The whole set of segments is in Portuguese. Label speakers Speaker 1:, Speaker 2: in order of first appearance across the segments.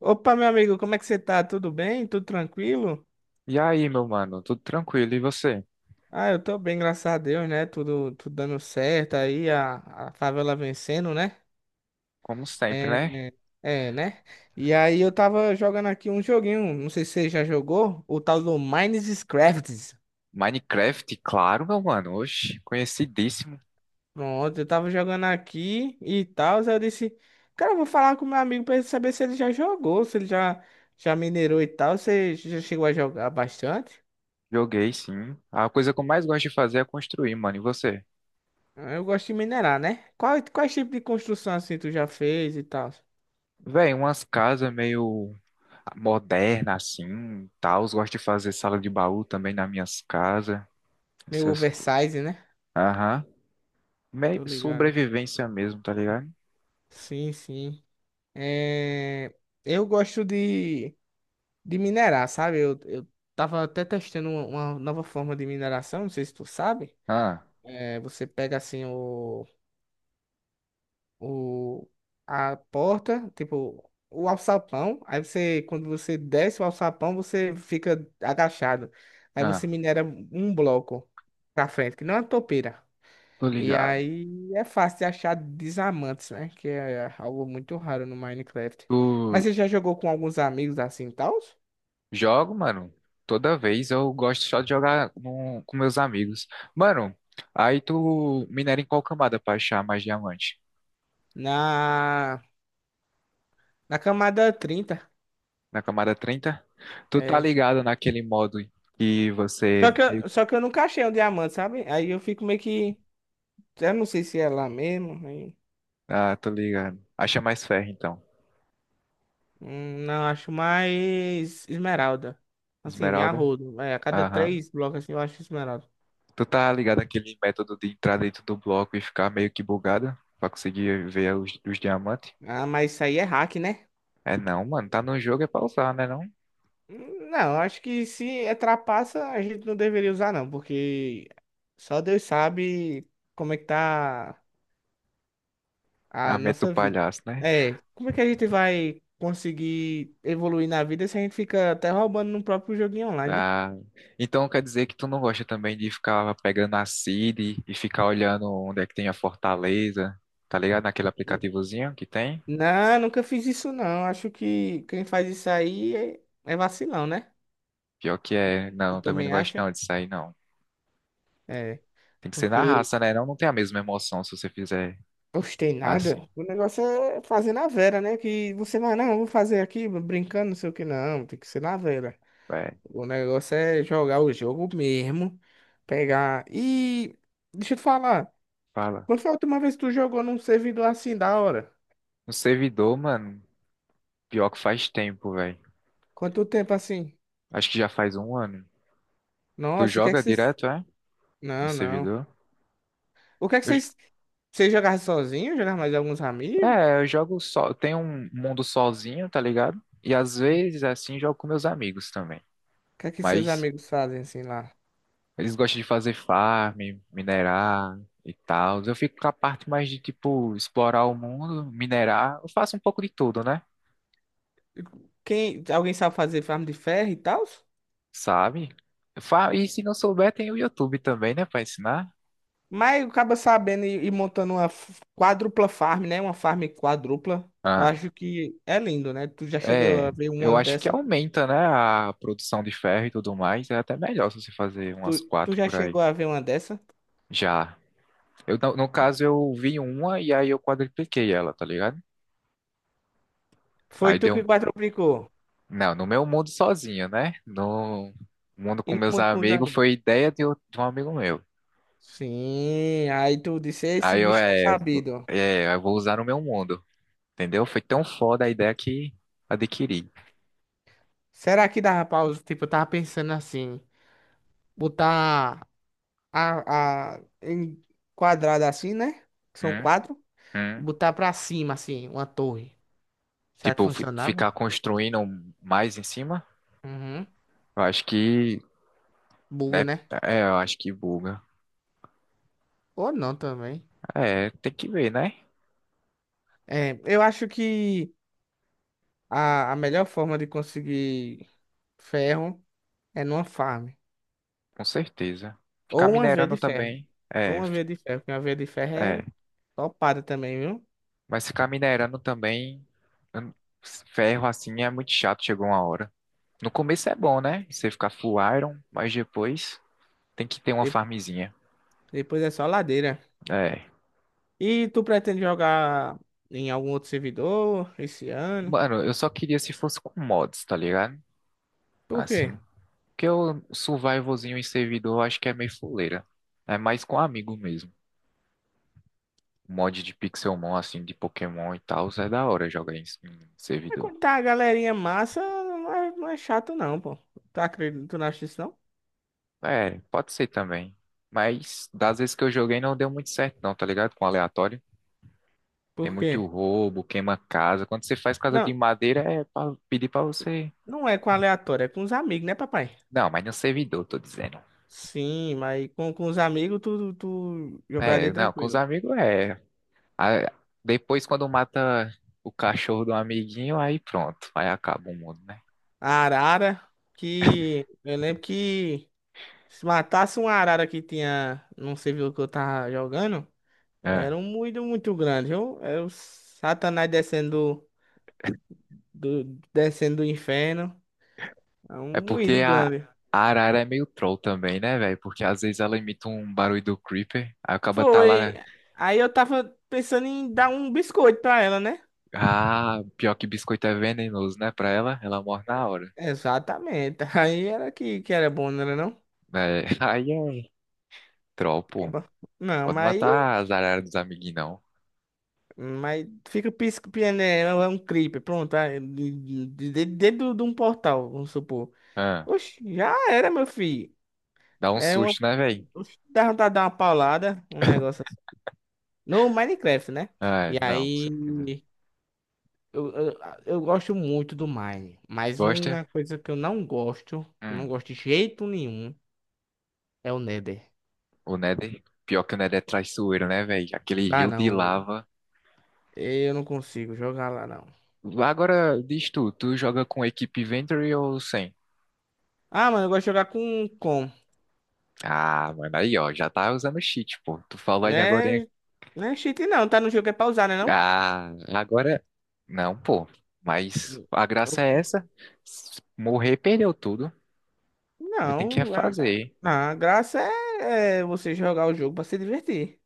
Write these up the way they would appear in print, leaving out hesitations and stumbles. Speaker 1: Opa, meu amigo, como é que você tá? Tudo bem? Tudo tranquilo?
Speaker 2: E aí, meu mano, tudo tranquilo? E você?
Speaker 1: Ah, eu tô bem, graças a Deus, né? Tudo dando certo aí, a favela vencendo, né?
Speaker 2: Como sempre,
Speaker 1: É,
Speaker 2: né?
Speaker 1: é, né? E aí eu tava jogando aqui um joguinho, não sei se você já jogou, o tal do Minecraft.
Speaker 2: Minecraft, claro, meu mano. Oxe, conhecidíssimo.
Speaker 1: Pronto, eu tava jogando aqui e tal, aí eu disse, cara, eu vou falar com meu amigo pra ele saber se ele já jogou, se ele já, já minerou e tal. Você já chegou a jogar bastante?
Speaker 2: Joguei, sim. A coisa que eu mais gosto de fazer é construir, mano. E você?
Speaker 1: Eu gosto de minerar, né? Quais tipos de construção assim tu já fez e tal?
Speaker 2: Véi, umas casas meio modernas, assim, tal. Gosto de fazer sala de baú também nas minhas casas.
Speaker 1: Meio
Speaker 2: Essas coisas.
Speaker 1: oversize, né?
Speaker 2: Aham. Meio
Speaker 1: Tô ligado.
Speaker 2: sobrevivência mesmo, tá ligado?
Speaker 1: Sim, sim. É... Eu gosto de minerar, sabe? Eu tava até testando uma nova forma de mineração, não sei se tu sabe.
Speaker 2: Ah,
Speaker 1: É, você pega assim o, a porta, tipo, o alçapão. Aí você, quando você desce o alçapão, você fica agachado. Aí você
Speaker 2: ah,
Speaker 1: minera um bloco pra frente, que não é uma topeira.
Speaker 2: tô
Speaker 1: E
Speaker 2: ligado.
Speaker 1: aí é fácil de achar diamantes, né? Que é algo muito raro no Minecraft. Mas
Speaker 2: Tu,
Speaker 1: você já jogou com alguns amigos assim, tal?
Speaker 2: Jogo, mano. Toda vez eu gosto só de jogar com meus amigos. Mano, aí tu minera em qual camada pra achar mais diamante?
Speaker 1: Na, na camada trinta.
Speaker 2: Na camada 30? Tu tá
Speaker 1: É.
Speaker 2: ligado naquele modo que
Speaker 1: Só
Speaker 2: você.
Speaker 1: que,
Speaker 2: meio-
Speaker 1: só que eu nunca achei um diamante, sabe? Aí eu fico meio que. Eu não sei se é lá mesmo.
Speaker 2: Ah, tô ligado. Acha mais ferro, então.
Speaker 1: Não, acho mais esmeralda. Assim,
Speaker 2: Esmeralda?
Speaker 1: arrodo. É, a cada
Speaker 2: Aham.
Speaker 1: três blocos assim, eu acho esmeralda.
Speaker 2: Tu tá ligado naquele método de entrar dentro do bloco e ficar meio que bugado pra conseguir ver os diamantes?
Speaker 1: Ah, mas isso aí é hack, né?
Speaker 2: É não, mano. Tá no jogo é pra usar, né não?
Speaker 1: Não, acho que se é trapaça, a gente não deveria usar, não, porque só Deus sabe como é que tá
Speaker 2: A
Speaker 1: a
Speaker 2: meta do
Speaker 1: nossa vida.
Speaker 2: palhaço, né?
Speaker 1: É, como é que a gente vai conseguir evoluir na vida se a gente fica até roubando no próprio joguinho online, né?
Speaker 2: Ah, então quer dizer que tu não gosta também de ficar pegando a Siri e ficar olhando onde é que tem a fortaleza, tá ligado? Naquele
Speaker 1: N-
Speaker 2: aplicativozinho que tem?
Speaker 1: Não, nunca fiz isso, não. Acho que quem faz isso aí é, é vacilão, né?
Speaker 2: Pior que é,
Speaker 1: Tu
Speaker 2: não, também
Speaker 1: também
Speaker 2: não gosto
Speaker 1: acha?
Speaker 2: não disso aí, não.
Speaker 1: É,
Speaker 2: Tem que ser na
Speaker 1: porque
Speaker 2: raça, né? Não, não tem a mesma emoção se você fizer
Speaker 1: gostei
Speaker 2: assim,
Speaker 1: nada. O negócio é fazer na vera, né? Que você vai, não, eu vou fazer aqui brincando, não sei o que, não. Tem que ser na vera.
Speaker 2: velho.
Speaker 1: O negócio é jogar o jogo mesmo. Pegar. E deixa eu te falar.
Speaker 2: Fala.
Speaker 1: Quando foi a última vez que tu jogou num servidor assim, da hora?
Speaker 2: No servidor, mano, pior que faz tempo, velho.
Speaker 1: Quanto tempo assim?
Speaker 2: Acho que já faz um ano. Tu
Speaker 1: Nossa, e o que é que
Speaker 2: joga
Speaker 1: vocês.
Speaker 2: direto, é? Em
Speaker 1: Não, não.
Speaker 2: servidor?
Speaker 1: O que é que
Speaker 2: Eu j-
Speaker 1: vocês. Vocês jogavam sozinho? Jogavam mais alguns amigos? O
Speaker 2: é, eu jogo só, tem um mundo sozinho, tá ligado? E às vezes assim jogo com meus amigos também.
Speaker 1: que é que seus
Speaker 2: Mas
Speaker 1: amigos fazem assim lá?
Speaker 2: eles gostam de fazer farm, minerar e tal. Eu fico com a parte mais de, tipo, explorar o mundo, minerar. Eu faço um pouco de tudo, né?
Speaker 1: Quem... Alguém sabe fazer farm de ferro e tal?
Speaker 2: Sabe? E se não souber, tem o YouTube também, né, pra ensinar.
Speaker 1: Mas acaba sabendo e montando uma quádrupla farm, né? Uma farm quádrupla. Eu
Speaker 2: Ah,
Speaker 1: acho que é lindo, né? Tu já chegou a
Speaker 2: é.
Speaker 1: ver
Speaker 2: Eu
Speaker 1: uma
Speaker 2: acho que
Speaker 1: dessa?
Speaker 2: aumenta, né, a produção de ferro e tudo mais. É até melhor se você fazer
Speaker 1: Tu,
Speaker 2: umas
Speaker 1: tu
Speaker 2: quatro
Speaker 1: já
Speaker 2: por aí.
Speaker 1: chegou a ver uma dessa?
Speaker 2: Já. Eu, no caso, eu vi uma e aí eu quadripliquei ela, tá ligado?
Speaker 1: Foi
Speaker 2: Aí
Speaker 1: tu
Speaker 2: deu
Speaker 1: que quadruplicou.
Speaker 2: Não, no meu mundo sozinho, né? No mundo
Speaker 1: E
Speaker 2: com
Speaker 1: no
Speaker 2: meus
Speaker 1: mundo com os
Speaker 2: amigos
Speaker 1: amigos.
Speaker 2: foi ideia de um amigo meu.
Speaker 1: Sim, aí tu disse, esse
Speaker 2: Aí eu,
Speaker 1: bicho é
Speaker 2: é,
Speaker 1: sabido.
Speaker 2: é, eu vou usar no meu mundo, entendeu? Foi tão foda a ideia que adquiri.
Speaker 1: Será que dá, pausa? Tipo, eu tava pensando assim, botar a em quadrada assim, né? Que são
Speaker 2: Hum,
Speaker 1: quatro.
Speaker 2: hum.
Speaker 1: Botar pra cima, assim, uma torre. Será que
Speaker 2: Tipo, fi-
Speaker 1: funcionava?
Speaker 2: ficar construindo mais em cima,
Speaker 1: Uhum.
Speaker 2: eu acho que,
Speaker 1: Buga,
Speaker 2: né?
Speaker 1: né?
Speaker 2: É, eu acho que buga.
Speaker 1: Ou não também.
Speaker 2: É, tem que ver, né?
Speaker 1: É, eu acho que a melhor forma de conseguir ferro é numa farm.
Speaker 2: Com certeza. Ficar
Speaker 1: Ou uma veia de
Speaker 2: minerando
Speaker 1: ferro.
Speaker 2: também,
Speaker 1: Ou
Speaker 2: é,
Speaker 1: uma veia de ferro, porque uma veia de ferro é
Speaker 2: é.
Speaker 1: topada também, viu?
Speaker 2: Mas ficar minerando também, hum, ferro assim é muito chato, chegou uma hora. No começo é bom, né? Você ficar full iron, mas depois tem que ter uma
Speaker 1: De-
Speaker 2: farmzinha.
Speaker 1: Depois é só ladeira.
Speaker 2: É.
Speaker 1: E tu pretende jogar em algum outro servidor esse ano?
Speaker 2: Mano, eu só queria se fosse com mods, tá ligado?
Speaker 1: Por
Speaker 2: Assim.
Speaker 1: quê?
Speaker 2: Porque o survivalzinho em servidor eu acho que é meio fuleira. É mais com amigo mesmo. Mod de Pixelmon, assim, de Pokémon e tal, é da hora jogar em
Speaker 1: É
Speaker 2: servidor.
Speaker 1: quando tá a galerinha massa, não é chato não, pô. Tu acredita, tu não acha isso não?
Speaker 2: É, pode ser também. Mas das vezes que eu joguei não deu muito certo, não, tá ligado? Com aleatório. Tem
Speaker 1: Por
Speaker 2: muito
Speaker 1: quê?
Speaker 2: roubo, queima casa. Quando você faz casa de
Speaker 1: Não,
Speaker 2: madeira, é pra pedir pra você.
Speaker 1: não é com aleatório, é com os amigos, né, papai?
Speaker 2: Não, mas no servidor, tô dizendo.
Speaker 1: Sim, mas com os amigos tu jogaria
Speaker 2: É, não, com os
Speaker 1: tranquilo.
Speaker 2: amigos é. A- Depois, quando mata o cachorro do amiguinho, aí pronto, aí acaba o mundo, né?
Speaker 1: A arara, que eu lembro que se matasse uma arara que tinha num servidor que eu tava jogando,
Speaker 2: É.
Speaker 1: era um moído muito grande. Eu, era o Satanás descendo descendo do inferno. É
Speaker 2: É
Speaker 1: um moído
Speaker 2: porque a,
Speaker 1: grande.
Speaker 2: a arara é meio troll também, né, velho? Porque às vezes ela imita um barulho do Creeper, aí acaba tá
Speaker 1: Foi.
Speaker 2: lá.
Speaker 1: Aí eu tava pensando em dar um biscoito pra ela, né?
Speaker 2: Ah, pior que biscoito é venenoso, né? Pra ela, ela morre na hora.
Speaker 1: Exatamente. Aí era que era bom, não era não?
Speaker 2: É, aí é troll, pô.
Speaker 1: Acaba- Não,
Speaker 2: Pode
Speaker 1: mas
Speaker 2: matar as araras dos amiguinhos, não.
Speaker 1: Mas fica piscando, é, é um creeper, pronto, ah, dentro de um portal, vamos supor.
Speaker 2: Ah,
Speaker 1: Oxe, já era, meu filho.
Speaker 2: dá um
Speaker 1: É uma.
Speaker 2: susto, né, velho?
Speaker 1: Oxe, dá vontade de dar uma paulada, um negócio assim. No Minecraft, né?
Speaker 2: É,
Speaker 1: E
Speaker 2: não, com certeza.
Speaker 1: aí. Eu, eu, eu gosto muito do Mine, mas
Speaker 2: Gosta?
Speaker 1: uma coisa que eu não gosto, não
Speaker 2: Hum.
Speaker 1: gosto de jeito nenhum, é o Nether.
Speaker 2: O Nether, pior que o Nether é traiçoeiro, né, velho? Aquele
Speaker 1: Dá
Speaker 2: rio de
Speaker 1: não, né?
Speaker 2: lava.
Speaker 1: Eu não consigo jogar lá não.
Speaker 2: Agora, diz tu, tu joga com equipe Inventory ou sem?
Speaker 1: Ah, mano, eu gosto de jogar
Speaker 2: Ah, mano, aí, ó, já tá usando cheat, pô. Tu falou ainda agora, hein?
Speaker 1: né? Não é cheat não, tá no jogo é pausar, né não?
Speaker 2: Ah, agora. Não, pô. Mas a graça
Speaker 1: Eu-
Speaker 2: é essa. Morrer, perdeu tudo. Aí tem que
Speaker 1: Não,
Speaker 2: refazer.
Speaker 1: a graça é, é você jogar o jogo pra se divertir.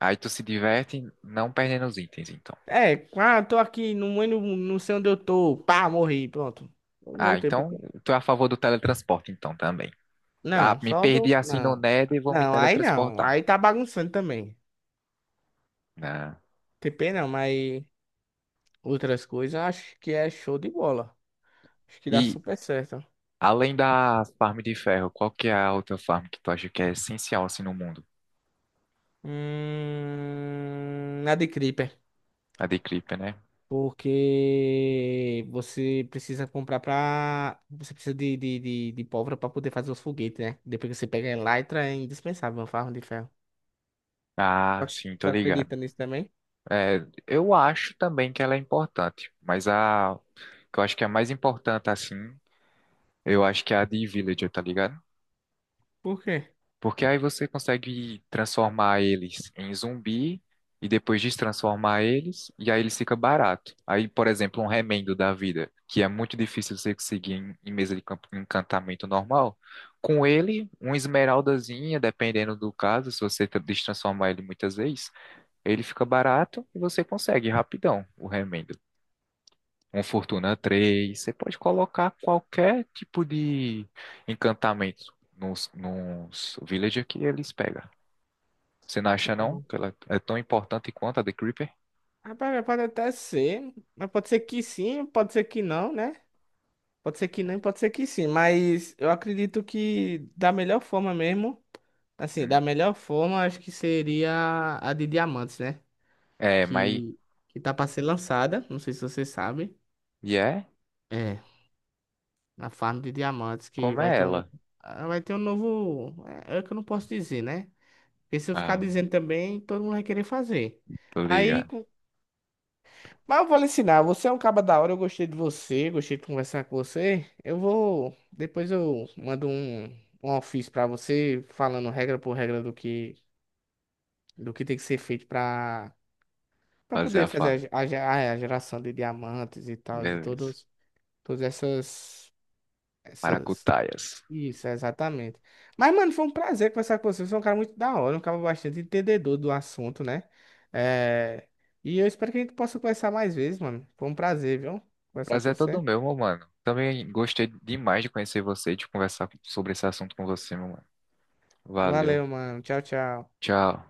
Speaker 2: Aí tu se diverte não perdendo os itens, então.
Speaker 1: É, ah, tô aqui, não, eu não, não sei onde eu tô. Pá, morri, pronto. Eu
Speaker 2: Ah,
Speaker 1: voltei pro
Speaker 2: então
Speaker 1: campo.
Speaker 2: tu é a favor do teletransporte, então, também. Ah,
Speaker 1: Não,
Speaker 2: me
Speaker 1: só
Speaker 2: perdi
Speaker 1: dou.
Speaker 2: assim no
Speaker 1: Não.
Speaker 2: Nether e vou me
Speaker 1: Não, aí não.
Speaker 2: teletransportar,
Speaker 1: Aí tá bagunçando também.
Speaker 2: né?
Speaker 1: TP não, mas outras coisas eu acho que é show de bola. Acho que dá
Speaker 2: E,
Speaker 1: super certo.
Speaker 2: Além da farm de ferro, qual que é a outra farm que tu acha que é essencial assim no mundo?
Speaker 1: Na de Creeper.
Speaker 2: A de Creeper, né?
Speaker 1: Porque você precisa comprar pra. Você precisa de pólvora pra poder fazer os foguetes, né? Depois que você pega a elytra, é indispensável uma farra de ferro. Tu
Speaker 2: Ah,
Speaker 1: ac-
Speaker 2: sim,
Speaker 1: Tu
Speaker 2: tô ligado.
Speaker 1: acredita nisso também?
Speaker 2: É, eu acho também que ela é importante, mas a que eu acho que é a mais importante assim, eu acho que é a de Villager, tá ligado?
Speaker 1: Por quê?
Speaker 2: Porque aí você consegue transformar eles em zumbi e depois destransformar eles, e aí eles fica barato. Aí, por exemplo, um remendo da vida, que é muito difícil você conseguir em mesa de encantamento normal, com ele, uma esmeraldazinha, dependendo do caso, se você destransformar ele muitas vezes, ele fica barato e você consegue rapidão o remendo. Um Fortuna III você pode colocar qualquer tipo de encantamento nos villager que eles pegam. Você não acha não
Speaker 1: Não.
Speaker 2: que ela é tão importante quanto a The Creeper?
Speaker 1: Rapaz, pode até ser. Mas pode ser que sim, pode ser que não, né? Pode ser que não, e pode ser que sim. Mas eu acredito que da melhor forma mesmo. Assim,
Speaker 2: Hum.
Speaker 1: da melhor forma, acho que seria a de diamantes, né?
Speaker 2: É, mas
Speaker 1: Que, que tá pra ser lançada. Não sei se você sabe.
Speaker 2: e é
Speaker 1: É, na farm de diamantes, que
Speaker 2: como
Speaker 1: vai
Speaker 2: é
Speaker 1: ter um.
Speaker 2: ela?
Speaker 1: Ah, vai ter um novo. É, é que eu não posso dizer, né? Porque se eu ficar
Speaker 2: Ah,
Speaker 1: dizendo também, todo mundo vai querer fazer.
Speaker 2: tô
Speaker 1: Aí.
Speaker 2: ligado.
Speaker 1: com- Mas eu vou lhe ensinar. Você é um caba da hora, eu gostei de você, gostei de conversar com você. Eu vou. Depois eu mando um ofício pra você, falando regra por regra do que tem que ser feito pra
Speaker 2: Fazer
Speaker 1: poder
Speaker 2: a
Speaker 1: fazer
Speaker 2: farm.
Speaker 1: a geração de diamantes e tal,
Speaker 2: Beleza.
Speaker 1: todas essas. Essas
Speaker 2: Maracutaias.
Speaker 1: isso, exatamente. Mas, mano, foi um prazer conversar com você. Você é um cara muito da hora, um cara bastante entendedor do assunto, né? É... E eu espero que a gente possa conversar mais vezes, mano. Foi um prazer, viu?
Speaker 2: O
Speaker 1: Conversar
Speaker 2: prazer é
Speaker 1: com
Speaker 2: todo
Speaker 1: você.
Speaker 2: meu, meu mano. Também gostei demais de conhecer você e de conversar sobre esse assunto com você, meu mano. Valeu.
Speaker 1: Valeu, mano. Tchau, tchau.
Speaker 2: Tchau.